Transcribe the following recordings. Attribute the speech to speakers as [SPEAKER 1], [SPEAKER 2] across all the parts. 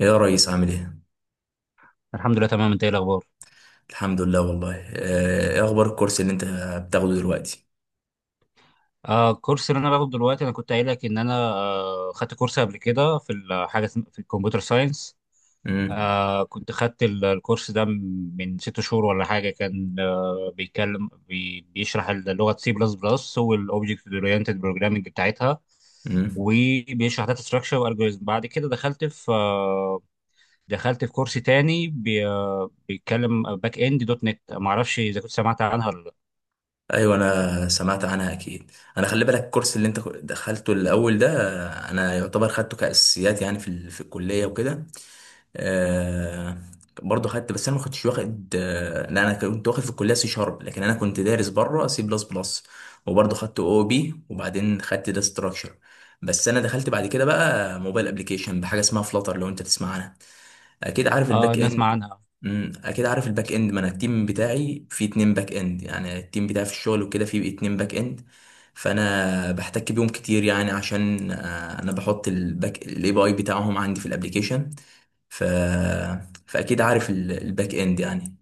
[SPEAKER 1] إيه يا ريس عامل ايه؟
[SPEAKER 2] الحمد لله، تمام. انت ايه الاخبار؟
[SPEAKER 1] الحمد لله والله، ايه اخبار الكورس اللي انت بتاخده دلوقتي؟
[SPEAKER 2] الكورس اللي انا باخده دلوقتي، انا كنت قايل لك ان انا خدت كورس قبل كده في في الكمبيوتر ساينس.
[SPEAKER 1] امم،
[SPEAKER 2] كنت خدت الكورس ده من 6 شهور ولا حاجه، كان بيتكلم بيشرح اللغه سي بلس بلس والاوبجكت اورينتد بروجرامنج بتاعتها،
[SPEAKER 1] امم.
[SPEAKER 2] وبيشرح داتا ستراكشر والجوريزم. بعد كده دخلت في كورس تاني بي آه بيتكلم باك اند دوت نت. ما اعرفش اذا كنت سمعت عنها ولا لا.
[SPEAKER 1] ايوه، انا سمعت عنها اكيد. انا خلي بالك الكورس اللي انت دخلته الاول ده، انا يعتبر خدته كاساسيات يعني في الكليه وكده. آه. برضه خدت، بس انا ما كنتش واخد، لا، انا كنت واخد في الكليه سي شارب، لكن انا كنت دارس بره سي بلس بلس، وبرضه خدت او بي، وبعدين خدت ده ستراكشر. بس انا دخلت بعد كده بقى موبايل ابلكيشن بحاجه اسمها فلاتر، لو انت تسمع عنها اكيد عارف
[SPEAKER 2] اه،
[SPEAKER 1] الباك اند.
[SPEAKER 2] نسمع عنها.
[SPEAKER 1] اكيد عارف الباك اند، ما انا التيم بتاعي فيه اتنين باك اند، يعني التيم بتاعي في الشغل وكده فيه اتنين باك اند، فانا بحتك بيهم كتير يعني عشان، انا بحط الباك الاي بي اي بتاعهم عندي في الابليكيشن. ف فاكيد عارف ال- الباك اند يعني.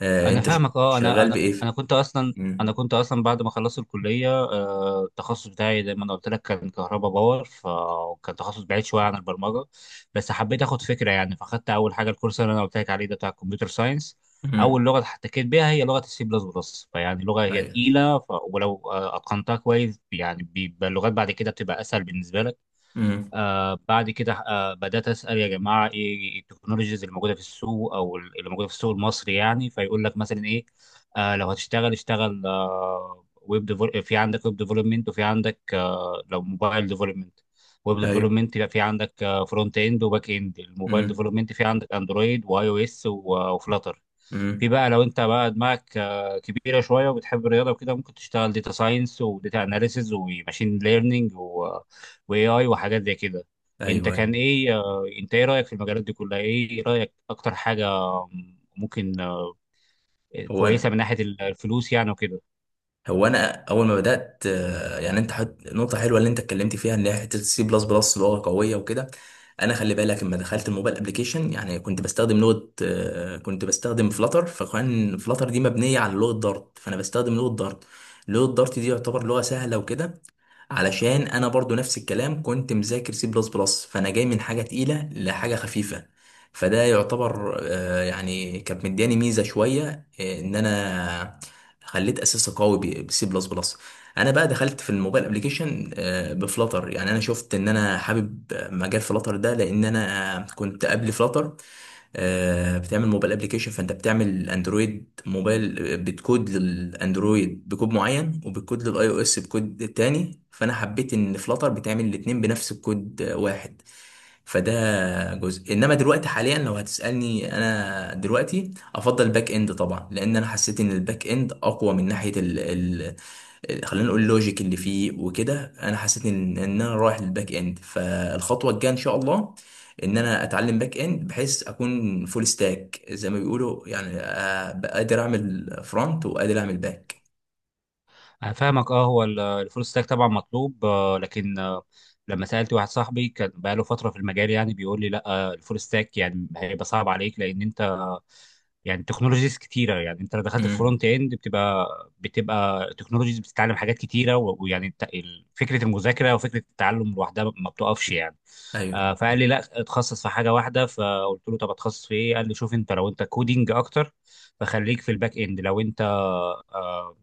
[SPEAKER 2] انا
[SPEAKER 1] انت ش-
[SPEAKER 2] فاهمك.
[SPEAKER 1] شغال بايه
[SPEAKER 2] انا
[SPEAKER 1] امم.
[SPEAKER 2] كنت اصلا بعد ما خلصت الكليه، التخصص بتاعي زي ما انا قلت لك كان كهرباء باور، فكان تخصص بعيد شويه عن البرمجه. بس حبيت اخد فكره يعني، فاخدت اول حاجه الكورس اللي انا قلت لك عليه ده بتاع الكمبيوتر ساينس. اول
[SPEAKER 1] امم.
[SPEAKER 2] لغه احتكيت بيها هي لغه السي بلس بلس، فيعني لغه هي
[SPEAKER 1] ايوه.
[SPEAKER 2] تقيله. ف... ولو اتقنتها كويس يعني بيبقى اللغات بعد كده بتبقى اسهل بالنسبه لك.
[SPEAKER 1] امم.
[SPEAKER 2] بعد كده بدأت أسأل يا جماعة، إيه التكنولوجيز اللي موجودة في السوق أو اللي موجودة في السوق المصري يعني؟ فيقول لك مثلا إيه؟ لو هتشتغل اشتغل، في عندك ويب ديفلوبمنت، وفي عندك لو موبايل ديفلوبمنت. ويب
[SPEAKER 1] ايوه.
[SPEAKER 2] ديفلوبمنت يبقى في عندك فرونت اند وباك اند. الموبايل
[SPEAKER 1] امم.
[SPEAKER 2] ديفلوبمنت في عندك اندرويد واي او اس وفلاتر. في
[SPEAKER 1] امم.
[SPEAKER 2] بقى لو انت بقى دماغك كبيره شويه وبتحب الرياضه وكده، ممكن تشتغل داتا ساينس وداتا اناليسز وماشين ليرنينج واي اي وحاجات زي كده. انت
[SPEAKER 1] ايوه.
[SPEAKER 2] كان
[SPEAKER 1] أيوة.
[SPEAKER 2] ايه، انت ايه رايك في المجالات دي كلها؟ ايه رايك اكتر حاجه ممكن
[SPEAKER 1] هو
[SPEAKER 2] كويسه
[SPEAKER 1] انا
[SPEAKER 2] من ناحيه الفلوس يعني وكده؟
[SPEAKER 1] هو انا اول ما بدات، يعني انت حط نقطه حلوه اللي انت اتكلمت فيها، ان هي حته السي بلس بلس لغه قويه وكده. انا خلي بالك لما دخلت الموبايل ابلكيشن يعني كنت بستخدم فلاتر، فكان فلاتر دي مبنيه على لغه دارت، فانا بستخدم لغه دارت. لغه دارت دي يعتبر لغه سهله وكده، علشان انا برضو نفس الكلام كنت مذاكر سي بلس بلس، فانا جاي من حاجه تقيله لحاجه خفيفه، فده يعتبر، يعني كانت مدياني ميزه شويه، ان انا خليت اساسي قوي بسي بلس بلس. انا بقى دخلت في الموبايل ابلكيشن بفلاتر، يعني انا شفت ان انا حابب مجال فلاتر ده، لان انا كنت قبل فلاتر، بتعمل موبايل ابلكيشن، فانت بتعمل اندرويد موبايل، بتكود للاندرويد بكود معين، وبتكود للاي او اس بكود تاني، فانا حبيت ان فلاتر بتعمل الاتنين بنفس الكود واحد. فده جزء. انما دلوقتي حاليا لو هتسالني، انا دلوقتي افضل باك اند طبعا، لان انا حسيت ان الباك اند اقوى من ناحيه، خلينا نقول اللوجيك اللي فيه وكده. انا حسيت ان انا رايح للباك اند، فالخطوه الجايه ان شاء الله ان انا اتعلم باك اند، بحيث اكون فول ستاك زي ما بيقولوا، يعني أبقى قادر اعمل فرونت وقادر اعمل باك.
[SPEAKER 2] انا فاهمك. اه، الفول ستاك طبعا مطلوب، لكن لما سالت واحد صاحبي كان بقاله فتره في المجال يعني، بيقول لي لا، الفول ستاك يعني هيبقى صعب عليك، لان انت يعني تكنولوجيز كتيره. يعني انت لو دخلت
[SPEAKER 1] امم.
[SPEAKER 2] الفرونت اند بتبقى، تكنولوجيز، بتتعلم حاجات كتيره، ويعني فكره المذاكره وفكره التعلم لوحدها ما بتقفش يعني.
[SPEAKER 1] ايوه.
[SPEAKER 2] فقال لي لا، اتخصص في حاجه واحده. فقلت له طب اتخصص في ايه؟ قال لي شوف، انت لو انت كودينج اكتر فخليك في الباك اند. لو انت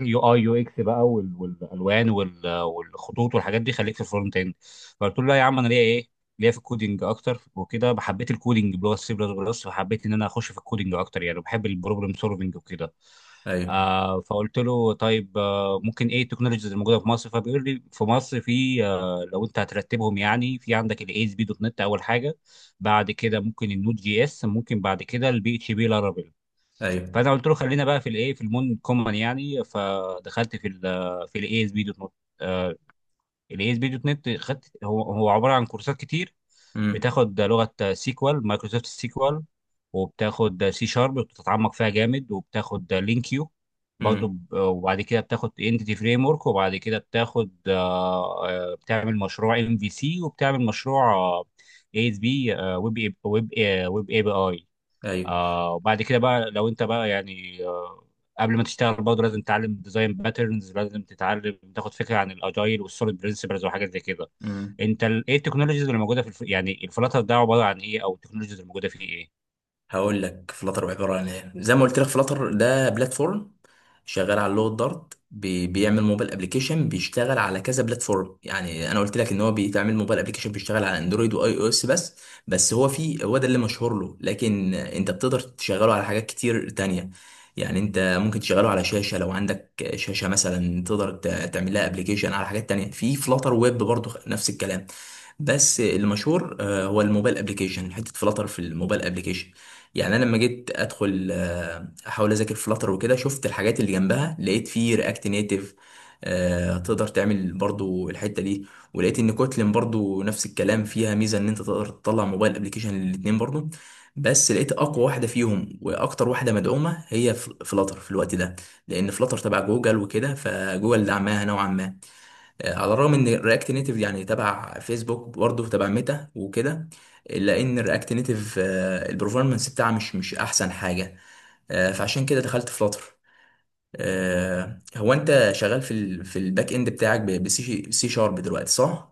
[SPEAKER 2] يو اي يو اكس بقى وال- والالوان وال- والخطوط والحاجات دي، خليك في الفرونت اند. فقلت له لا يا عم، انا ليا ايه، ليا في الكودينج اكتر وكده. حبيت الكودينج بلغه سي بلس بلس، فحبيت ان انا اخش في الكودينج اكتر يعني، بحب البروبلم سولفنج وكده.
[SPEAKER 1] ايوه.
[SPEAKER 2] فقلت له طيب، ممكن ايه التكنولوجيز اللي موجوده في مصر؟ فبيقول لي في مصر، في لو انت هترتبهم يعني، في عندك الاي اس بي دوت نت اول حاجه، بعد كده ممكن النود جي اس، ممكن بعد كده البي اتش بي لارافيل.
[SPEAKER 1] ايوه.
[SPEAKER 2] فانا قلت له خلينا بقى في الايه، في المون كومن يعني. فدخلت في ال في الاي اس بي دوت نت. الاي اس بي دوت نت خدت، هو عباره عن كورسات كتير.
[SPEAKER 1] امم.
[SPEAKER 2] بتاخد لغه سيكوال، مايكروسوفت سيكوال، وبتاخد سي شارب بتتعمق فيها جامد، وبتاخد لينكيو برضه.
[SPEAKER 1] امم.
[SPEAKER 2] وبعد كده بتاخد انتيتي فريم ورك، وبعد كده بتاخد بتعمل مشروع ام في سي، وبتعمل مشروع اي اس بي ويب، ويب اي بي اي.
[SPEAKER 1] ايوه.
[SPEAKER 2] وبعد كده بقى لو انت بقى يعني، قبل ما تشتغل برضه لازم تتعلم ديزاين باترنز، لازم تتعلم تاخد فكره عن الاجايل والسوليد برنسبلز وحاجات زي كده. انت ايه التكنولوجيز اللي موجوده في يعني الفلاتر ده عباره عن ايه، او التكنولوجيز اللي موجوده فيه ايه؟
[SPEAKER 1] هقول لك فلاتر عباره عن ايه. زي ما قلت لك، فلاتر ده بلاتفورم شغال على لغه دارت، بي- بيعمل موبايل ابلكيشن بيشتغل على كذا بلاتفورم. يعني انا قلت لك ان هو بيتعمل موبايل ابلكيشن بيشتغل على اندرويد واي او اس بس. بس هو، في، هو ده اللي مشهور له، لكن انت بتقدر تشغله على حاجات كتير تانية. يعني انت ممكن تشغله على شاشه، لو عندك شاشه مثلا تقدر ت- تعمل لها ابلكيشن، على حاجات تانية في فلاتر ويب برضو نفس الكلام. بس المشهور، هو الموبايل ابلكيشن، حته فلاتر في الموبايل ابلكيشن. يعني انا لما جيت ادخل، احاول اذاكر فلاتر وكده، شفت الحاجات اللي جنبها، لقيت فيه رياكت نيتف تقدر تعمل برضو الحته دي، ولقيت ان كوتلين برضو نفس الكلام فيها ميزه ان انت تقدر تطلع موبايل ابلكيشن للاتنين برضو. بس لقيت اقوى واحده فيهم واكتر واحده مدعومه هي فلاتر في الوقت ده، لان فلاتر تبع جوجل وكده، فجوجل دعمها نوعا ما. على الرغم ان رياكت نيتيف يعني تبع فيسبوك، برضه تبع ميتا وكده، الا ان رياكت نيتيف البرفورمانس بتاعها مش احسن حاجه، فعشان كده دخلت فلاتر. هو انت شغال في ال في الباك اند بتاعك، سي شارب دلوقتي، صح؟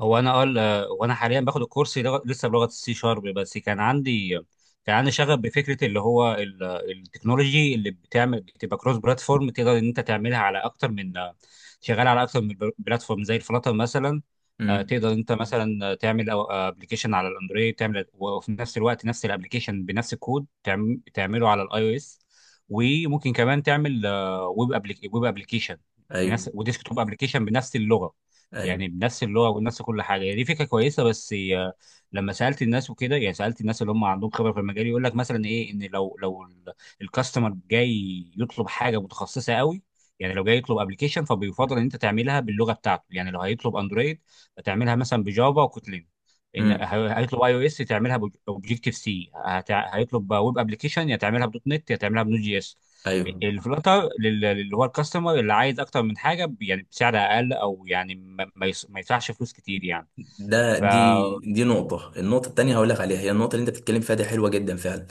[SPEAKER 2] هو انا حاليا باخد الكورس لسه بلغه السي شارب. بس كان عندي شغف بفكره اللي هو التكنولوجي اللي بتعمل بتبقى كروس بلاتفورم، تقدر ان انت تعملها على اكتر من، شغال على اكتر من بلاتفورم زي الفلاتر مثلا.
[SPEAKER 1] امم.
[SPEAKER 2] تقدر انت مثلا تعمل ابلكيشن على الاندرويد تعمل، وفي نفس الوقت نفس الابلكيشن بنفس الكود تعمله على الاي او اس. وممكن كمان تعمل ويب، ويب ابلكيشن
[SPEAKER 1] ايوه.
[SPEAKER 2] بنفس، وديسك توب ابلكيشن بنفس اللغه.
[SPEAKER 1] ايوه.
[SPEAKER 2] يعني بنفس اللغه وبنفس كل حاجه. يعني دي فكره كويسه، بس هي لما سالت الناس وكده يعني، سالت الناس اللي هم عندهم خبره في المجال، يقول لك مثلا ايه، ان لو الكاستمر جاي يطلب حاجه متخصصه قوي، يعني لو جاي يطلب ابلكيشن فبيفضل ان انت تعملها باللغه بتاعته. يعني لو هيطلب اندرويد فتعملها مثلا بجافا وكوتلين. ان
[SPEAKER 1] امم.
[SPEAKER 2] هيطلب اي او اس تعملها اوبجيكتيف سي. هيطلب ويب ابلكيشن يا تعملها بدوت نت يا تعملها بنود جي اس.
[SPEAKER 1] ايوه.
[SPEAKER 2] الفلاتر اللي هو الكاستمر اللي عايز اكتر من حاجه، يعني بسعر اقل، او يعني ما يدفعش فلوس كتير يعني.
[SPEAKER 1] ده
[SPEAKER 2] ف
[SPEAKER 1] دي دي نقطه النقطه التانيه هقول لك عليها. هي النقطه اللي انت بتتكلم فيها دي حلوه جدا فعلا،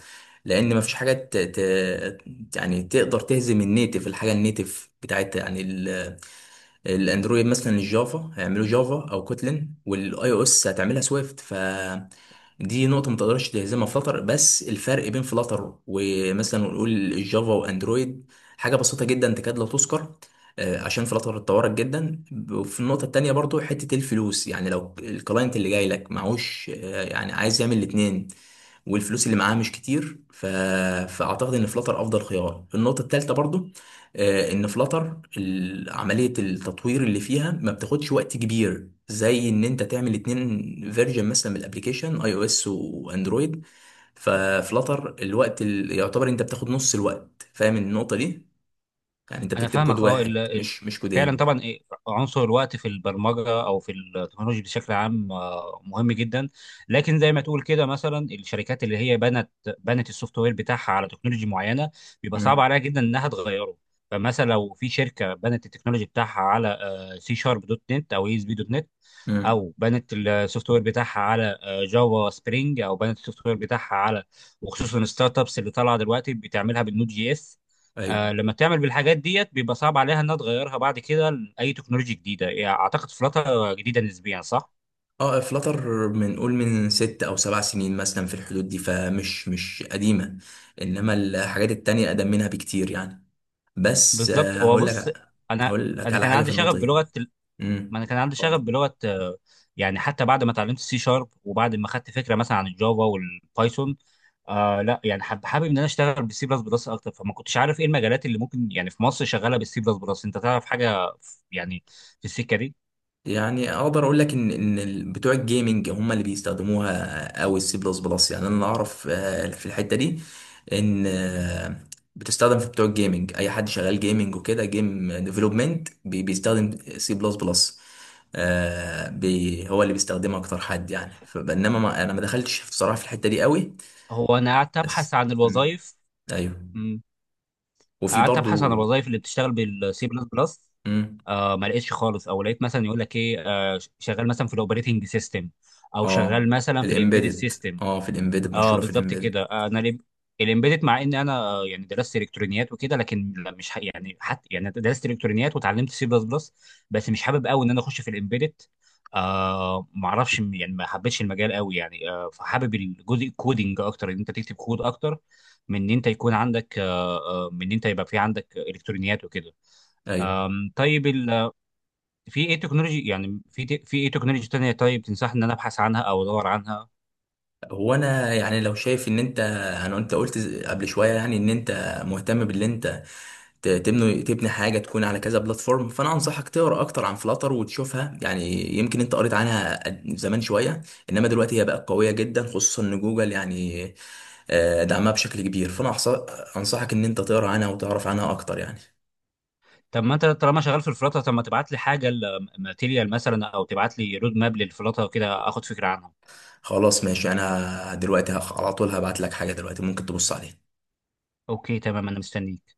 [SPEAKER 1] لان مفيش حاجه يعني تقدر تهزم النيتف، الحاجه النيتف بتاعت يعني الاندرويد مثلا الجافا، هيعملوا جافا او كوتلين، والاي او اس هتعملها سويفت. ف دي نقطة ما تقدرش تهزمها فلتر، بس الفرق بين فلتر ومثلا نقول الجافا واندرويد حاجة بسيطة جدا تكاد لا تذكر، عشان فلتر اتطورت جدا. وفي النقطة التانية برضو حتة الفلوس، يعني لو الكلاينت اللي جاي لك معهوش، يعني عايز يعمل الاتنين والفلوس اللي معاه مش كتير، فأعتقد إن فلتر أفضل خيار. النقطة التالتة برضو، ان فلاتر عمليه التطوير اللي فيها ما بتاخدش وقت كبير، زي ان انت تعمل اتنين فيرجن مثلا من الابليكيشن، اي او اس واندرويد. ففلاتر الوقت اللي يعتبر انت بتاخد نص الوقت، فاهم النقطه دي، يعني انت
[SPEAKER 2] انا
[SPEAKER 1] بتكتب كود
[SPEAKER 2] فاهمك. اه
[SPEAKER 1] واحد مش
[SPEAKER 2] فعلا
[SPEAKER 1] كودين.
[SPEAKER 2] طبعا إيه، عنصر الوقت في البرمجه او في التكنولوجيا بشكل عام مهم جدا. لكن زي ما تقول كده مثلا، الشركات اللي هي بنت السوفت وير بتاعها على تكنولوجيا معينه، بيبقى صعب
[SPEAKER 1] امم.
[SPEAKER 2] عليها جدا انها تغيره. فمثلا لو في شركه بنت التكنولوجي بتاعها على سي شارب دوت نت او اي اس بي دوت نت،
[SPEAKER 1] امم.
[SPEAKER 2] او بنت السوفت وير بتاعها على جافا سبرينج، او بنت السوفت وير بتاعها على، وخصوصا الستارت ابس اللي طالعه دلوقتي بتعملها بالنود جي اس.
[SPEAKER 1] ايوه.
[SPEAKER 2] لما تعمل بالحاجات ديت، بيبقى صعب عليها انها تغيرها بعد كده لاي تكنولوجيا جديده. يعني اعتقد فلاتر جديده نسبيا صح؟
[SPEAKER 1] اه فلاتر من قول من 6 أو 7 سنين مثلا، في الحدود دي، فمش مش قديمه، انما الحاجات التانية اقدم منها بكتير يعني. بس،
[SPEAKER 2] بالظبط. هو
[SPEAKER 1] هقول
[SPEAKER 2] بص،
[SPEAKER 1] لك
[SPEAKER 2] انا
[SPEAKER 1] هقول لك
[SPEAKER 2] انا
[SPEAKER 1] على
[SPEAKER 2] كان
[SPEAKER 1] حاجه في
[SPEAKER 2] عندي شغف
[SPEAKER 1] النقطه دي.
[SPEAKER 2] بلغه، ما
[SPEAKER 1] امم.
[SPEAKER 2] انا كان عندي شغف
[SPEAKER 1] اتفضل.
[SPEAKER 2] بلغه يعني حتى بعد ما اتعلمت السي شارب، وبعد ما خدت فكره مثلا عن الجافا والبايثون. لا يعني حابب ان انا اشتغل بالسي بلس بلس اكتر. فما كنتش عارف ايه المجالات اللي ممكن يعني في مصر شغاله بالسي بلس بلس. انت تعرف حاجه يعني في السكه دي؟
[SPEAKER 1] يعني اقدر اقول لك ان بتوع الجيمنج هم اللي بيستخدموها او السي بلس بلس، يعني انا اعرف، في الحته دي ان، بتستخدم في بتوع الجيمنج. اي حد شغال جيمنج وكده، جيم ديفلوبمنت بيستخدم سي بلس بلس، هو اللي بيستخدمها اكتر حد يعني، فبينما ما انا ما دخلتش بصراحه في الحته دي قوي.
[SPEAKER 2] هو انا قعدت ابحث
[SPEAKER 1] بس.
[SPEAKER 2] عن
[SPEAKER 1] مم.
[SPEAKER 2] الوظائف.
[SPEAKER 1] ايوه.
[SPEAKER 2] مم.
[SPEAKER 1] وفي
[SPEAKER 2] قعدت ابحث عن
[SPEAKER 1] برضو.
[SPEAKER 2] الوظائف اللي بتشتغل بالسي بلس بلس، ما لقيتش خالص. او لقيت مثلا يقول لك ايه، شغال مثلا في الاوبريتنج سيستم، او شغال
[SPEAKER 1] اه،
[SPEAKER 2] مثلا
[SPEAKER 1] في
[SPEAKER 2] في الامبيدد
[SPEAKER 1] الامبيدد.
[SPEAKER 2] سيستم.
[SPEAKER 1] اه، في الامبيدد
[SPEAKER 2] اه،
[SPEAKER 1] مشهوره، في
[SPEAKER 2] بالظبط
[SPEAKER 1] الامبيدد.
[SPEAKER 2] كده. الامبيدد، مع ان انا يعني درست الكترونيات وكده، لكن لا، مش ح... يعني حتى يعني درست الكترونيات وتعلمت سي بلس بلس، بس مش حابب قوي ان انا اخش في الامبيدد. ما اعرفش يعني، ما حبيتش المجال قوي يعني. فحابب الجزء الكودينج اكتر، ان انت تكتب كود اكتر من ان انت يكون عندك من ان انت يبقى في عندك الكترونيات وكده.
[SPEAKER 1] ايوه.
[SPEAKER 2] طيب في ايه تكنولوجي يعني، في ايه تكنولوجي تانية طيب تنصحني ان انا ابحث عنها او ادور عنها؟
[SPEAKER 1] هو انا يعني لو شايف ان انت، انا، انت قلت قبل شويه، يعني ان انت مهتم باللي انت تبني حاجه تكون على كذا بلاتفورم، فانا انصحك تقرا اكتر عن فلاتر وتشوفها. يعني يمكن انت قريت عنها زمان شويه، انما دلوقتي هي بقت قويه جدا، خصوصا ان جوجل يعني، دعمها بشكل كبير. فانا انصحك ان انت تقرا عنها وتعرف عنها اكتر يعني.
[SPEAKER 2] طب ما انت طالما شغال في الفلاتر، طب ما تبعت لي حاجه ماتيريال مثلا، او تبعت لي رود ماب للفلاتر كده اخد فكره عنها.
[SPEAKER 1] خلاص ماشي، انا دلوقتي على طول هبعت لك حاجه دلوقتي، ممكن تبص عليها.
[SPEAKER 2] اوكي تمام، انا مستنيك.